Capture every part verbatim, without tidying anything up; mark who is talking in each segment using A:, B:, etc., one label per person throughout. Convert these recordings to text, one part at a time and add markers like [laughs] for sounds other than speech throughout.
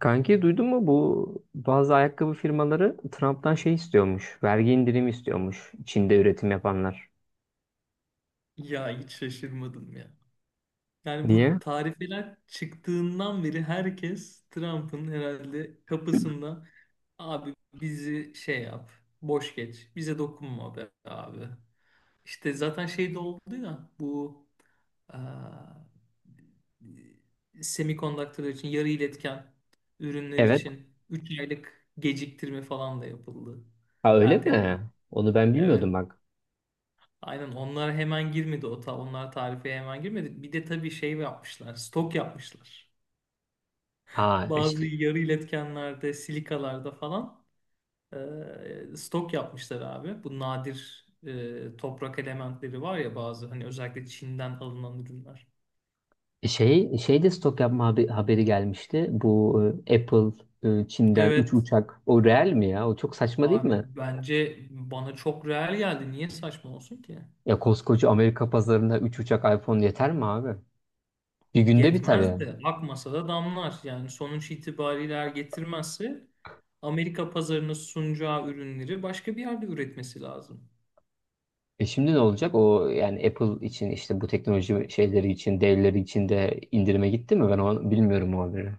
A: Kanki duydun mu bu bazı ayakkabı firmaları Trump'tan şey istiyormuş. Vergi indirimi istiyormuş Çin'de üretim yapanlar.
B: Ya hiç şaşırmadım ya. Yani
A: Niye?
B: bu tarifeler çıktığından beri herkes Trump'ın herhalde kapısında abi bizi şey yap, boş geç, bize dokunma be abi. İşte zaten şey de oldu ya bu eee semikondaktörler için yarı iletken ürünler
A: Evet.
B: için üç aylık geciktirme falan da yapıldı.
A: Ha öyle
B: Erteleme.
A: mi? Onu ben bilmiyordum
B: Evet.
A: bak.
B: Aynen onlar hemen girmedi o ta onlar tarife hemen girmedi. Bir de tabii şey yapmışlar, stok yapmışlar.
A: Ha
B: Bazı
A: işte
B: yarı iletkenlerde, silikalarda falan e, stok yapmışlar abi. Bu nadir e, toprak elementleri var ya bazı hani özellikle Çin'den alınan ürünler.
A: şey şey de stok yapma habe- haberi gelmişti. Bu e, Apple e, Çin'den üç
B: Evet
A: uçak. O real mi ya? O çok saçma değil
B: abi
A: mi?
B: bence bana çok reel geldi. Niye saçma olsun ki?
A: Ya koskoca Amerika pazarında üç uçak iPhone yeter mi abi? Bir günde biter ya.
B: Yetmez de akmasa da damlar. Yani sonuç itibariyle eğer getirmezse Amerika pazarına sunacağı ürünleri başka bir yerde üretmesi lazım.
A: E şimdi ne olacak? O yani Apple için işte bu teknoloji şeyleri için, devleri için de indirime gitti mi? Ben onu bilmiyorum o haberi.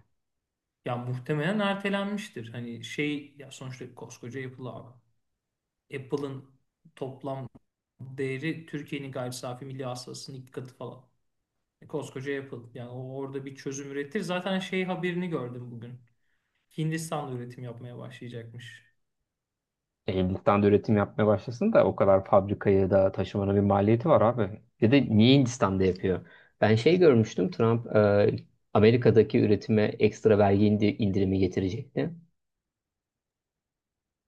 B: Ya muhtemelen ertelenmiştir. Hani şey ya sonuçta koskoca Apple abi. Apple'ın toplam değeri Türkiye'nin gayri safi milli hasılasının iki katı falan. E, koskoca Apple. Yani o orada bir çözüm üretir. Zaten şey haberini gördüm bugün. Hindistan'da üretim yapmaya başlayacakmış.
A: E, Hindistan da üretim yapmaya başlasın da o kadar fabrikayı da taşımanın bir maliyeti var abi. Bir de niye Hindistan'da yapıyor? Ben şey görmüştüm Trump e, Amerika'daki üretime ekstra vergi indi- indirimi getirecekti.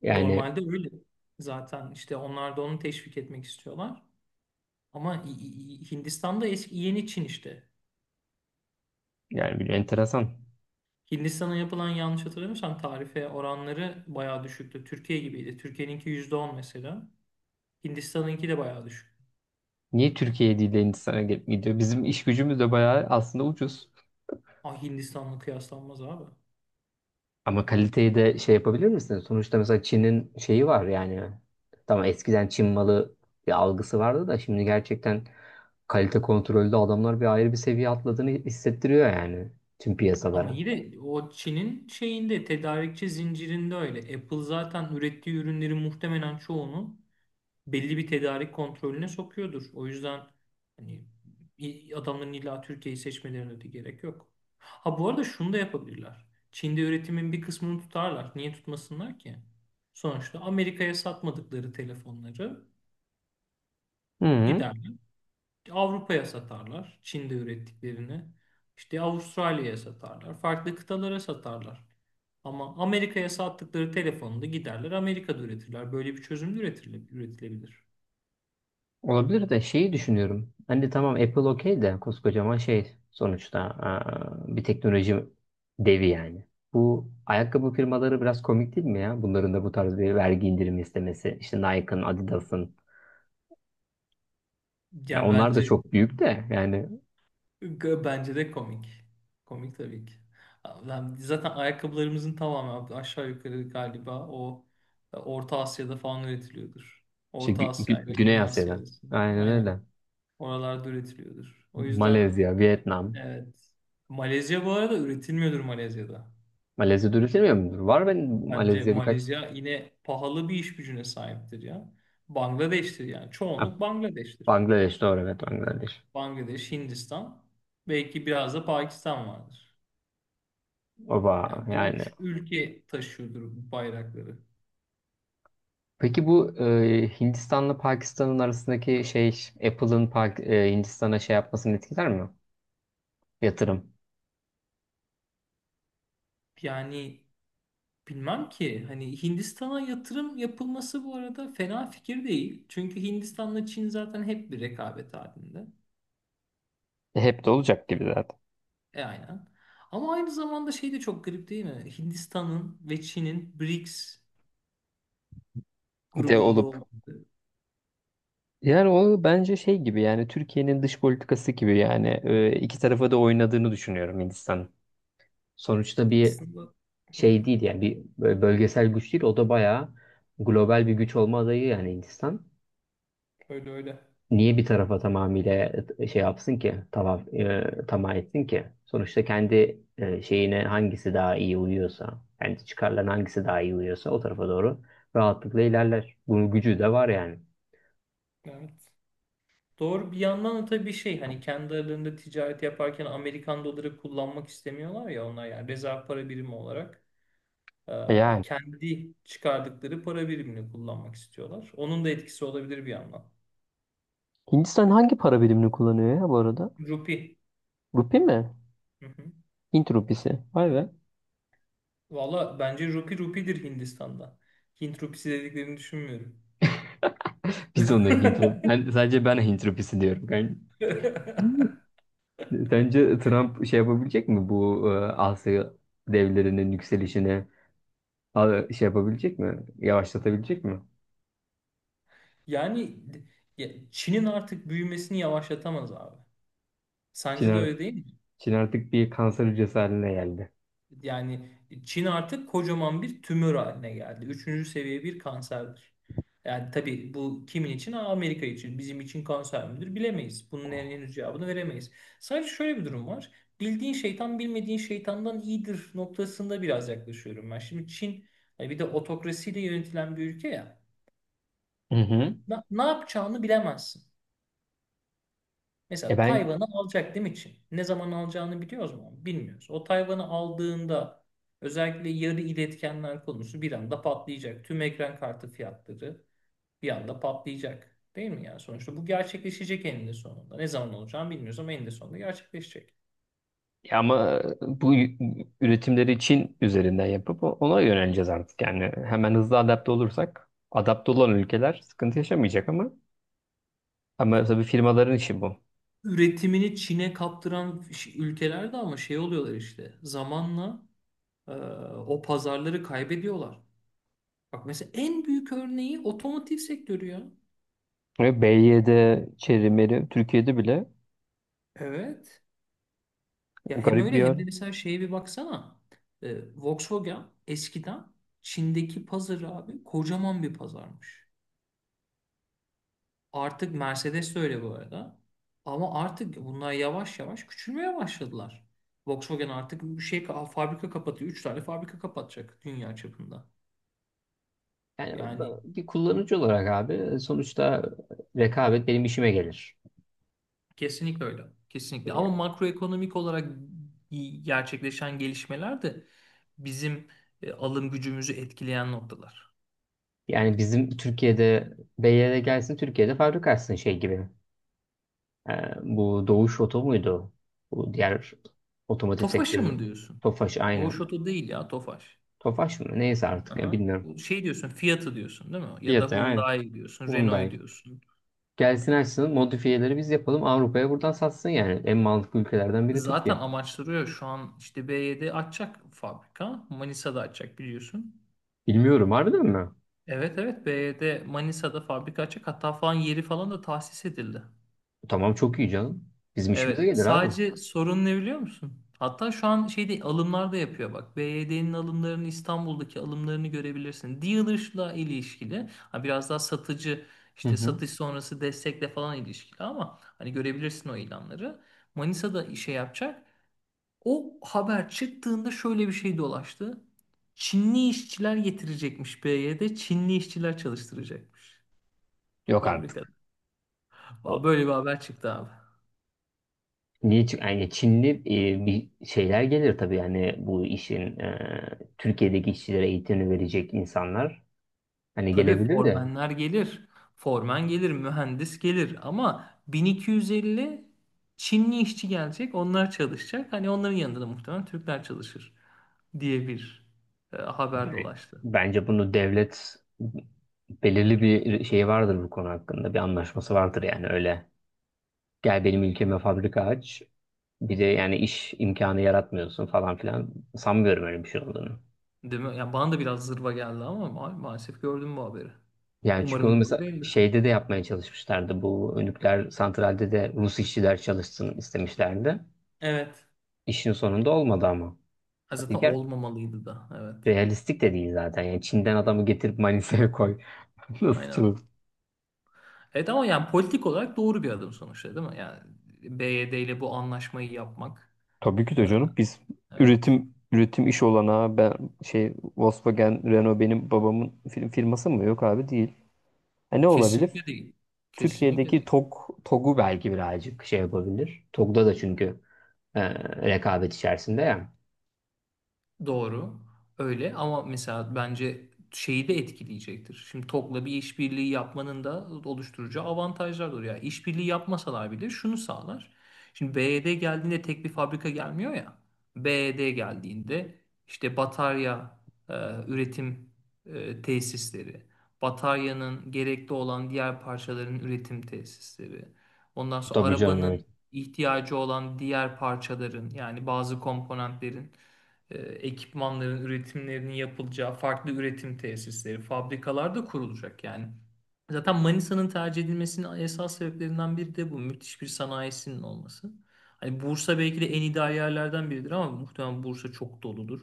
A: Yani
B: Normalde öyle zaten işte onlar da onu teşvik etmek istiyorlar. Ama İ- İ- İ- Hindistan'da eski yeni Çin işte.
A: yani bir enteresan.
B: Hindistan'a yapılan yanlış hatırlamıyorsam tarife oranları bayağı düşüktü. Türkiye gibiydi. Türkiye'ninki yüzde on mesela. Hindistan'ınki de bayağı düşük.
A: Niye Türkiye değil de Hindistan'a gidip gidiyor? Bizim iş gücümüz de bayağı aslında ucuz.
B: Ah Hindistan'la kıyaslanmaz abi.
A: Ama kaliteyi de şey yapabilir misiniz? Sonuçta mesela Çin'in şeyi var yani. Tamam eskiden Çin malı bir algısı vardı da şimdi gerçekten kalite kontrolde adamlar bir ayrı bir seviye atladığını hissettiriyor yani tüm
B: Ama
A: piyasalara.
B: yine o Çin'in şeyinde tedarikçi zincirinde öyle. Apple zaten ürettiği ürünlerin muhtemelen çoğunu belli bir tedarik kontrolüne sokuyordur. O yüzden hani i- adamların illa Türkiye'yi seçmelerine de gerek yok. Ha bu arada şunu da yapabilirler. Çin'de üretimin bir kısmını tutarlar. Niye tutmasınlar ki? Sonuçta Amerika'ya satmadıkları telefonları
A: Hı,
B: giderler. Avrupa'ya satarlar. Çin'de ürettiklerini. İşte Avustralya'ya satarlar. Farklı kıtalara satarlar. Ama Amerika'ya sattıkları telefonu da giderler Amerika'da üretirler. Böyle bir çözüm de üretile- üretilebilir.
A: olabilir de şeyi düşünüyorum. Hani tamam Apple okey de koskocaman şey sonuçta aa, bir teknoloji devi yani. Bu ayakkabı firmaları biraz komik değil mi ya? Bunların da bu tarz bir vergi indirimi istemesi. İşte Nike'ın, Adidas'ın. Ya
B: Ya
A: onlar da
B: bence
A: çok büyük de yani
B: G- Bence de komik. Komik tabii ki. Ben- Zaten ayakkabılarımızın tamamı aşağı yukarı galiba o e, Orta Asya'da falan üretiliyordur.
A: işte
B: Orta
A: Gü-
B: Asya
A: Gü-
B: ile
A: Güney
B: Güney Asya
A: Asya'da.
B: arasında.
A: Aynen
B: Aynen.
A: öyle.
B: Oralarda üretiliyordur. O yüzden
A: Malezya, Vietnam.
B: evet. Malezya bu arada üretilmiyordur Malezya'da.
A: Malezya dönüşemiyor mudur? Var benim
B: Bence
A: Malezya birkaç.
B: Malezya yine pahalı bir iş gücüne sahiptir ya. Bangladeş'tir yani.
A: Ha,
B: Çoğunluk Bangladeş'tir.
A: Bangladeş doğru evet Bangladeş.
B: Bangladeş, Hindistan, belki biraz da Pakistan vardır.
A: Oba
B: Yani bu
A: yani.
B: üç ülke taşıyordur bu bayrakları.
A: Peki bu e, Hindistan'la Pakistan'ın arasındaki şey Apple'ın Pak- e, Hindistan'a şey yapmasını etkiler mi? Yatırım.
B: Yani bilmem ki hani Hindistan'a yatırım yapılması bu arada fena fikir değil. Çünkü Hindistan'la Çin zaten hep bir rekabet halinde.
A: E, hep de olacak gibi zaten.
B: E aynen. Ama aynı zamanda şey de çok garip değil mi? Hindistan'ın ve Çin'in BRICS
A: De
B: grubunda
A: olup.
B: olması.
A: Yani o bence şey gibi yani Türkiye'nin dış politikası gibi yani e, iki tarafa da oynadığını düşünüyorum Hindistan. Sonuçta bir
B: Aslında. Hı hı.
A: şey değil yani bir böyle bölgesel güç değil o da bayağı global bir güç olma adayı yani Hindistan.
B: Öyle öyle.
A: Niye bir tarafa tamamıyla e, şey yapsın ki tamam e, tamah etsin ki? Sonuçta kendi e, şeyine hangisi daha iyi uyuyorsa kendi çıkarlarına hangisi daha iyi uyuyorsa o tarafa doğru rahatlıkla ilerler. Bunun gücü de var yani.
B: Evet. Doğru bir yandan da tabii şey hani kendi aralarında ticaret yaparken Amerikan doları kullanmak istemiyorlar ya onlar yani rezerv para birimi olarak.
A: E
B: E,
A: yani.
B: kendi çıkardıkları para birimini kullanmak istiyorlar. Onun da etkisi olabilir bir yandan.
A: Hindistan hangi para birimini kullanıyor ya bu arada?
B: Rupi.
A: Rupi mi?
B: Hı hı.
A: Hint rupisi. Vay be.
B: Valla bence rupi rupidir Hindistan'da. Hint rupisi dediklerini düşünmüyorum.
A: Biz onu Hint rup- Ben sadece ben Hint rupisi diyorum. Kanka.
B: [laughs]
A: Sence Trump şey yapabilecek mi bu e, Asya devlerinin yükselişine a- şey yapabilecek mi? Yavaşlatabilecek mi?
B: Yani ya, Çin'in artık büyümesini yavaşlatamaz abi.
A: Çin,
B: Sence de
A: art-
B: öyle değil mi?
A: Çin artık bir kanser hücresi haline geldi.
B: Yani Çin artık kocaman bir tümör haline geldi. Üçüncü seviye bir kanserdir. Yani tabii bu kimin için? Aa, Amerika için. Bizim için kanser midir? Bilemeyiz. Bunun en- henüz cevabını veremeyiz. Sadece şöyle bir durum var. Bildiğin şeytan bilmediğin şeytandan iyidir noktasında biraz yaklaşıyorum ben. Şimdi Çin hani bir de otokrasiyle yönetilen bir ülke ya.
A: Hı hı.
B: Na- ne yapacağını bilemezsin.
A: E
B: Mesela
A: ben
B: Tayvan'ı alacak değil mi Çin? Ne zaman alacağını biliyoruz mu? Bilmiyoruz. O Tayvan'ı aldığında özellikle yarı iletkenler konusu bir anda patlayacak. Tüm ekran kartı fiyatları bir anda patlayacak. Değil mi yani? Sonuçta bu gerçekleşecek eninde sonunda. Ne zaman olacağını bilmiyoruz ama eninde sonunda gerçekleşecek.
A: Ya ama e, bu y- üretimleri Çin üzerinden yapıp ona yöneleceğiz artık. Yani hemen hızlı adapte olursak adapte olan ülkeler sıkıntı yaşamayacak ama ama tabii firmaların işi bu.
B: Üretimini Çin'e kaptıran ş- ülkeler de ama şey oluyorlar işte. Zamanla e, o pazarları kaybediyorlar. Bak mesela en büyük örneği otomotiv sektörü ya.
A: Ve B Y D, çerimeri Türkiye'de bile
B: Evet. Ya hem
A: garip bir
B: öyle
A: yer.
B: hem de mesela şeye bir baksana. Ee, Volkswagen eskiden Çin'deki pazarı abi kocaman bir pazarmış. Artık Mercedes de öyle bu arada. Ama artık bunlar yavaş yavaş küçülmeye başladılar. Volkswagen artık bir şey fabrika kapatıyor. Üç tane fabrika kapatacak dünya çapında.
A: Yani
B: Yani
A: bir kullanıcı olarak abi e, sonuçta rekabet benim işime gelir.
B: kesinlikle öyle. Kesinlikle. Ama
A: E,
B: makroekonomik olarak gerçekleşen gelişmeler de bizim e, alım gücümüzü etkileyen noktalar.
A: yani bizim Türkiye'de B Y D gelsin Türkiye'de fabrika açsın şey gibi. Ee, Bu Doğuş Oto muydu? Bu diğer otomotiv
B: Tofaş'ı mı
A: sektörü.
B: diyorsun?
A: Tofaş aynı.
B: Doğuş Oto değil ya Tofaş.
A: Tofaş mı? Neyse artık ya
B: Aha.
A: bilmiyorum.
B: Bu şey diyorsun Fiat'ı diyorsun değil mi? Ya da
A: Fiyatı aynı.
B: Hyundai diyorsun, Renault'u
A: Hyundai.
B: diyorsun.
A: Gelsin açsın modifiyeleri biz yapalım Avrupa'ya buradan satsın yani. En mantıklı ülkelerden biri
B: Zaten
A: Türkiye.
B: amaçlıyor şu an işte B Y D açacak fabrika. Manisa'da açacak biliyorsun.
A: Bilmiyorum harbiden mi?
B: Evet, evet, B Y D Manisa'da fabrika açacak. Hatta falan yeri falan da tahsis edildi.
A: Tamam çok iyi canım. Bizim işimize
B: Evet,
A: gelir abi.
B: sadece sorun ne biliyor musun? Hatta şu an şeyde alımlar da yapıyor bak. B Y D'nin alımlarını İstanbul'daki alımlarını görebilirsin. Dealer'la ilişkili. Ha, biraz daha satıcı
A: Hı
B: işte
A: hı.
B: satış sonrası destekle falan ilişkili ama hani görebilirsin o ilanları. Manisa'da işe yapacak. O haber çıktığında şöyle bir şey dolaştı. Çinli işçiler getirecekmiş B Y D. Çinli işçiler çalıştıracakmış
A: Yok
B: fabrikada.
A: artık.
B: Böyle bir haber çıktı abi.
A: Niye? Çünkü yani Çinli e, bir şeyler gelir tabii yani bu işin e, Türkiye'deki işçilere eğitimini verecek insanlar hani
B: Tabii
A: gelebilir de.
B: formenler gelir. Formen gelir, mühendis gelir ama bin iki yüz elli Çinli işçi gelecek, onlar çalışacak. Hani onların yanında da muhtemelen Türkler çalışır diye bir e, haber
A: Ben
B: dolaştı.
A: Bence bunu devlet belirli bir şey vardır bu konu hakkında bir anlaşması vardır yani öyle gel benim ülkeme fabrika aç bir de yani iş imkanı yaratmıyorsun falan filan sanmıyorum öyle bir şey olduğunu.
B: Değil mi? Yani bana da biraz zırva geldi ama ma- maalesef gördüm bu haberi.
A: Yani çünkü onu
B: Umarım doğru
A: mesela
B: değildir.
A: şeyde de yapmaya çalışmışlardı bu nükleer santralde de Rus işçiler çalışsın istemişlerdi.
B: Evet.
A: İşin sonunda olmadı ama.
B: Ha, zaten
A: İlker
B: olmamalıydı da. Evet.
A: realistik de değil zaten. Yani Çin'den adamı getirip Manisa'ya koy. [laughs] Nasıl
B: Aynen.
A: çılgın.
B: Evet ama yani politik olarak doğru bir adım sonuçta değil mi? Yani B Y D ile bu anlaşmayı yapmak.
A: Tabii ki
B: e,
A: de canım. Biz
B: Evet.
A: üretim üretim iş olanağı ben şey Volkswagen, Renault benim babamın fir- firması mı? Yok abi değil. Ha, ne olabilir?
B: Kesinlikle değil. Kesinlikle
A: Türkiye'deki
B: değil.
A: TOG, TOG'u belki birazcık şey yapabilir. TOG'da da çünkü e, rekabet içerisinde ya.
B: Doğru. Öyle ama mesela bence şeyi de etkileyecektir. Şimdi Tokla bir işbirliği yapmanın da oluşturacağı avantajlar olur. Yani işbirliği yapmasalar bile şunu sağlar. Şimdi B Y D geldiğinde tek bir fabrika gelmiyor ya. B Y D geldiğinde işte batarya e, üretim e, tesisleri, bataryanın gerekli olan diğer parçaların üretim tesisleri, ondan sonra
A: Tabii canım evet.
B: arabanın ihtiyacı olan diğer parçaların yani bazı komponentlerin e, ekipmanların üretimlerinin yapılacağı farklı üretim tesisleri, fabrikalar da kurulacak yani. Zaten Manisa'nın tercih edilmesinin esas sebeplerinden biri de bu. Müthiş bir sanayisinin olması. Hani Bursa belki de en ideal yerlerden biridir ama muhtemelen Bursa çok doludur.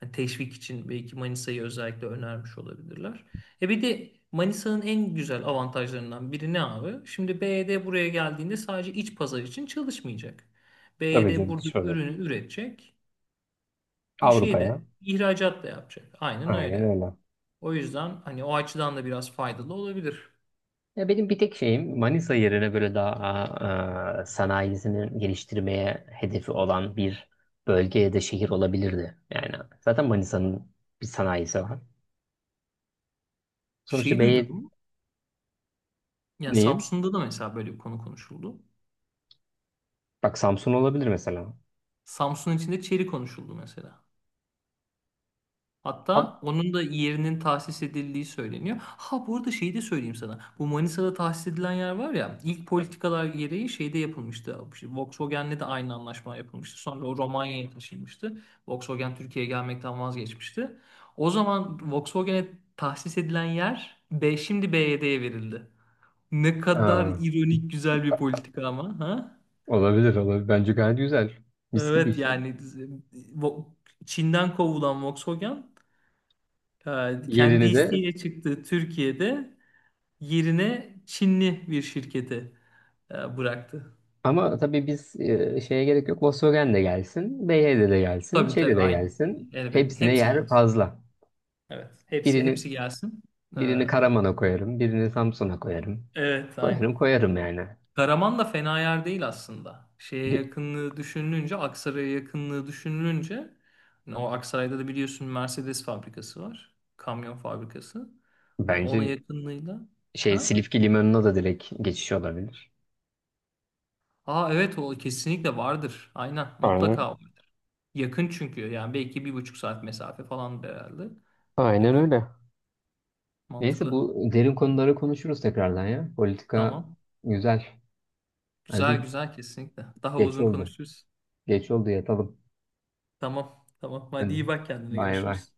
B: Hani teşvik için belki Manisa'yı özellikle önermiş olabilirler. E bir de Manisa'nın en güzel avantajlarından biri ne abi? Şimdi B Y D buraya geldiğinde sadece iç pazar için çalışmayacak.
A: Tabii
B: B Y D
A: canım
B: burada
A: dış pazar.
B: ürünü üretecek
A: Avrupa'ya.
B: şeyde ihracat da yapacak. Aynen
A: Aynen
B: öyle.
A: öyle.
B: O yüzden hani o açıdan da biraz faydalı olabilir.
A: Ya benim bir tek şeyim Manisa yerine böyle daha aa, sanayisini geliştirmeye hedefi olan bir bölge ya da şehir olabilirdi. Yani zaten Manisa'nın bir sanayisi var. Sonuçta
B: Şeyi
A: B'ye
B: duydun mu? Yani
A: neyim?
B: Samsun'da da mesela böyle bir konu konuşuldu.
A: Bak Samsun olabilir mesela.
B: Samsun içinde çeri konuşuldu mesela.
A: Ab-
B: Hatta onun da yerinin tahsis edildiği söyleniyor. Ha bu arada şeyi de söyleyeyim sana. Bu Manisa'da tahsis edilen yer var ya ilk politikalar gereği şeyde yapılmıştı. İşte Volkswagen'le de aynı anlaşma yapılmıştı. Sonra o Romanya'ya taşınmıştı. Volkswagen Türkiye'ye gelmekten vazgeçmişti. O zaman Volkswagen'e tahsis edilen yer B, şimdi B Y D'ye verildi. Ne kadar
A: Aa,
B: ironik güzel bir politika ama. Ha?
A: Olabilir olabilir. Bence gayet güzel. Mis gibi
B: Evet
A: işte.
B: yani Vo- Çin'den kovulan Volkswagen Ee, kendi
A: Yerini de
B: isteğiyle çıktığı Türkiye'de yerine Çinli bir şirketi e, bıraktı.
A: ama tabii biz e, şeye gerek yok. Volkswagen de gelsin. Beyh'de de gelsin.
B: Tabii
A: Şeyde
B: tabii
A: de
B: aynı.
A: gelsin.
B: Elbette.
A: Hepsine
B: Hepsi
A: yer
B: gelsin.
A: fazla.
B: Evet. Hepsi hepsi
A: Birinin
B: gelsin. Ee,
A: Birini Karaman'a koyarım, birini Samsun'a koyarım.
B: evet aynen.
A: Koyarım koyarım
B: Aynen.
A: yani.
B: Karaman da fena yer değil aslında. Şeye
A: D-
B: yakınlığı düşünülünce, Aksaray'a yakınlığı düşünülünce hani o Aksaray'da da biliyorsun Mercedes fabrikası var. Kamyon fabrikası. Hani ona
A: Bence
B: yakınlığıyla.
A: şey
B: Ha?
A: Silifke Limanı'na da direkt geçiş olabilir.
B: Aa evet o kesinlikle vardır. Aynen
A: Aynen.
B: mutlaka var. Yakın çünkü yani belki bir buçuk saat mesafe falan herhalde.
A: Aynen
B: Yakın.
A: öyle. Neyse
B: Mantıklı.
A: bu derin konuları konuşuruz tekrardan ya. Politika
B: Tamam.
A: güzel.
B: Güzel
A: Hadi
B: güzel kesinlikle. Daha
A: geç
B: uzun
A: oldu.
B: konuşuruz.
A: Geç oldu yatalım.
B: Tamam. Tamam. Hadi iyi
A: Hadi
B: bak kendine.
A: bay bay.
B: Görüşürüz.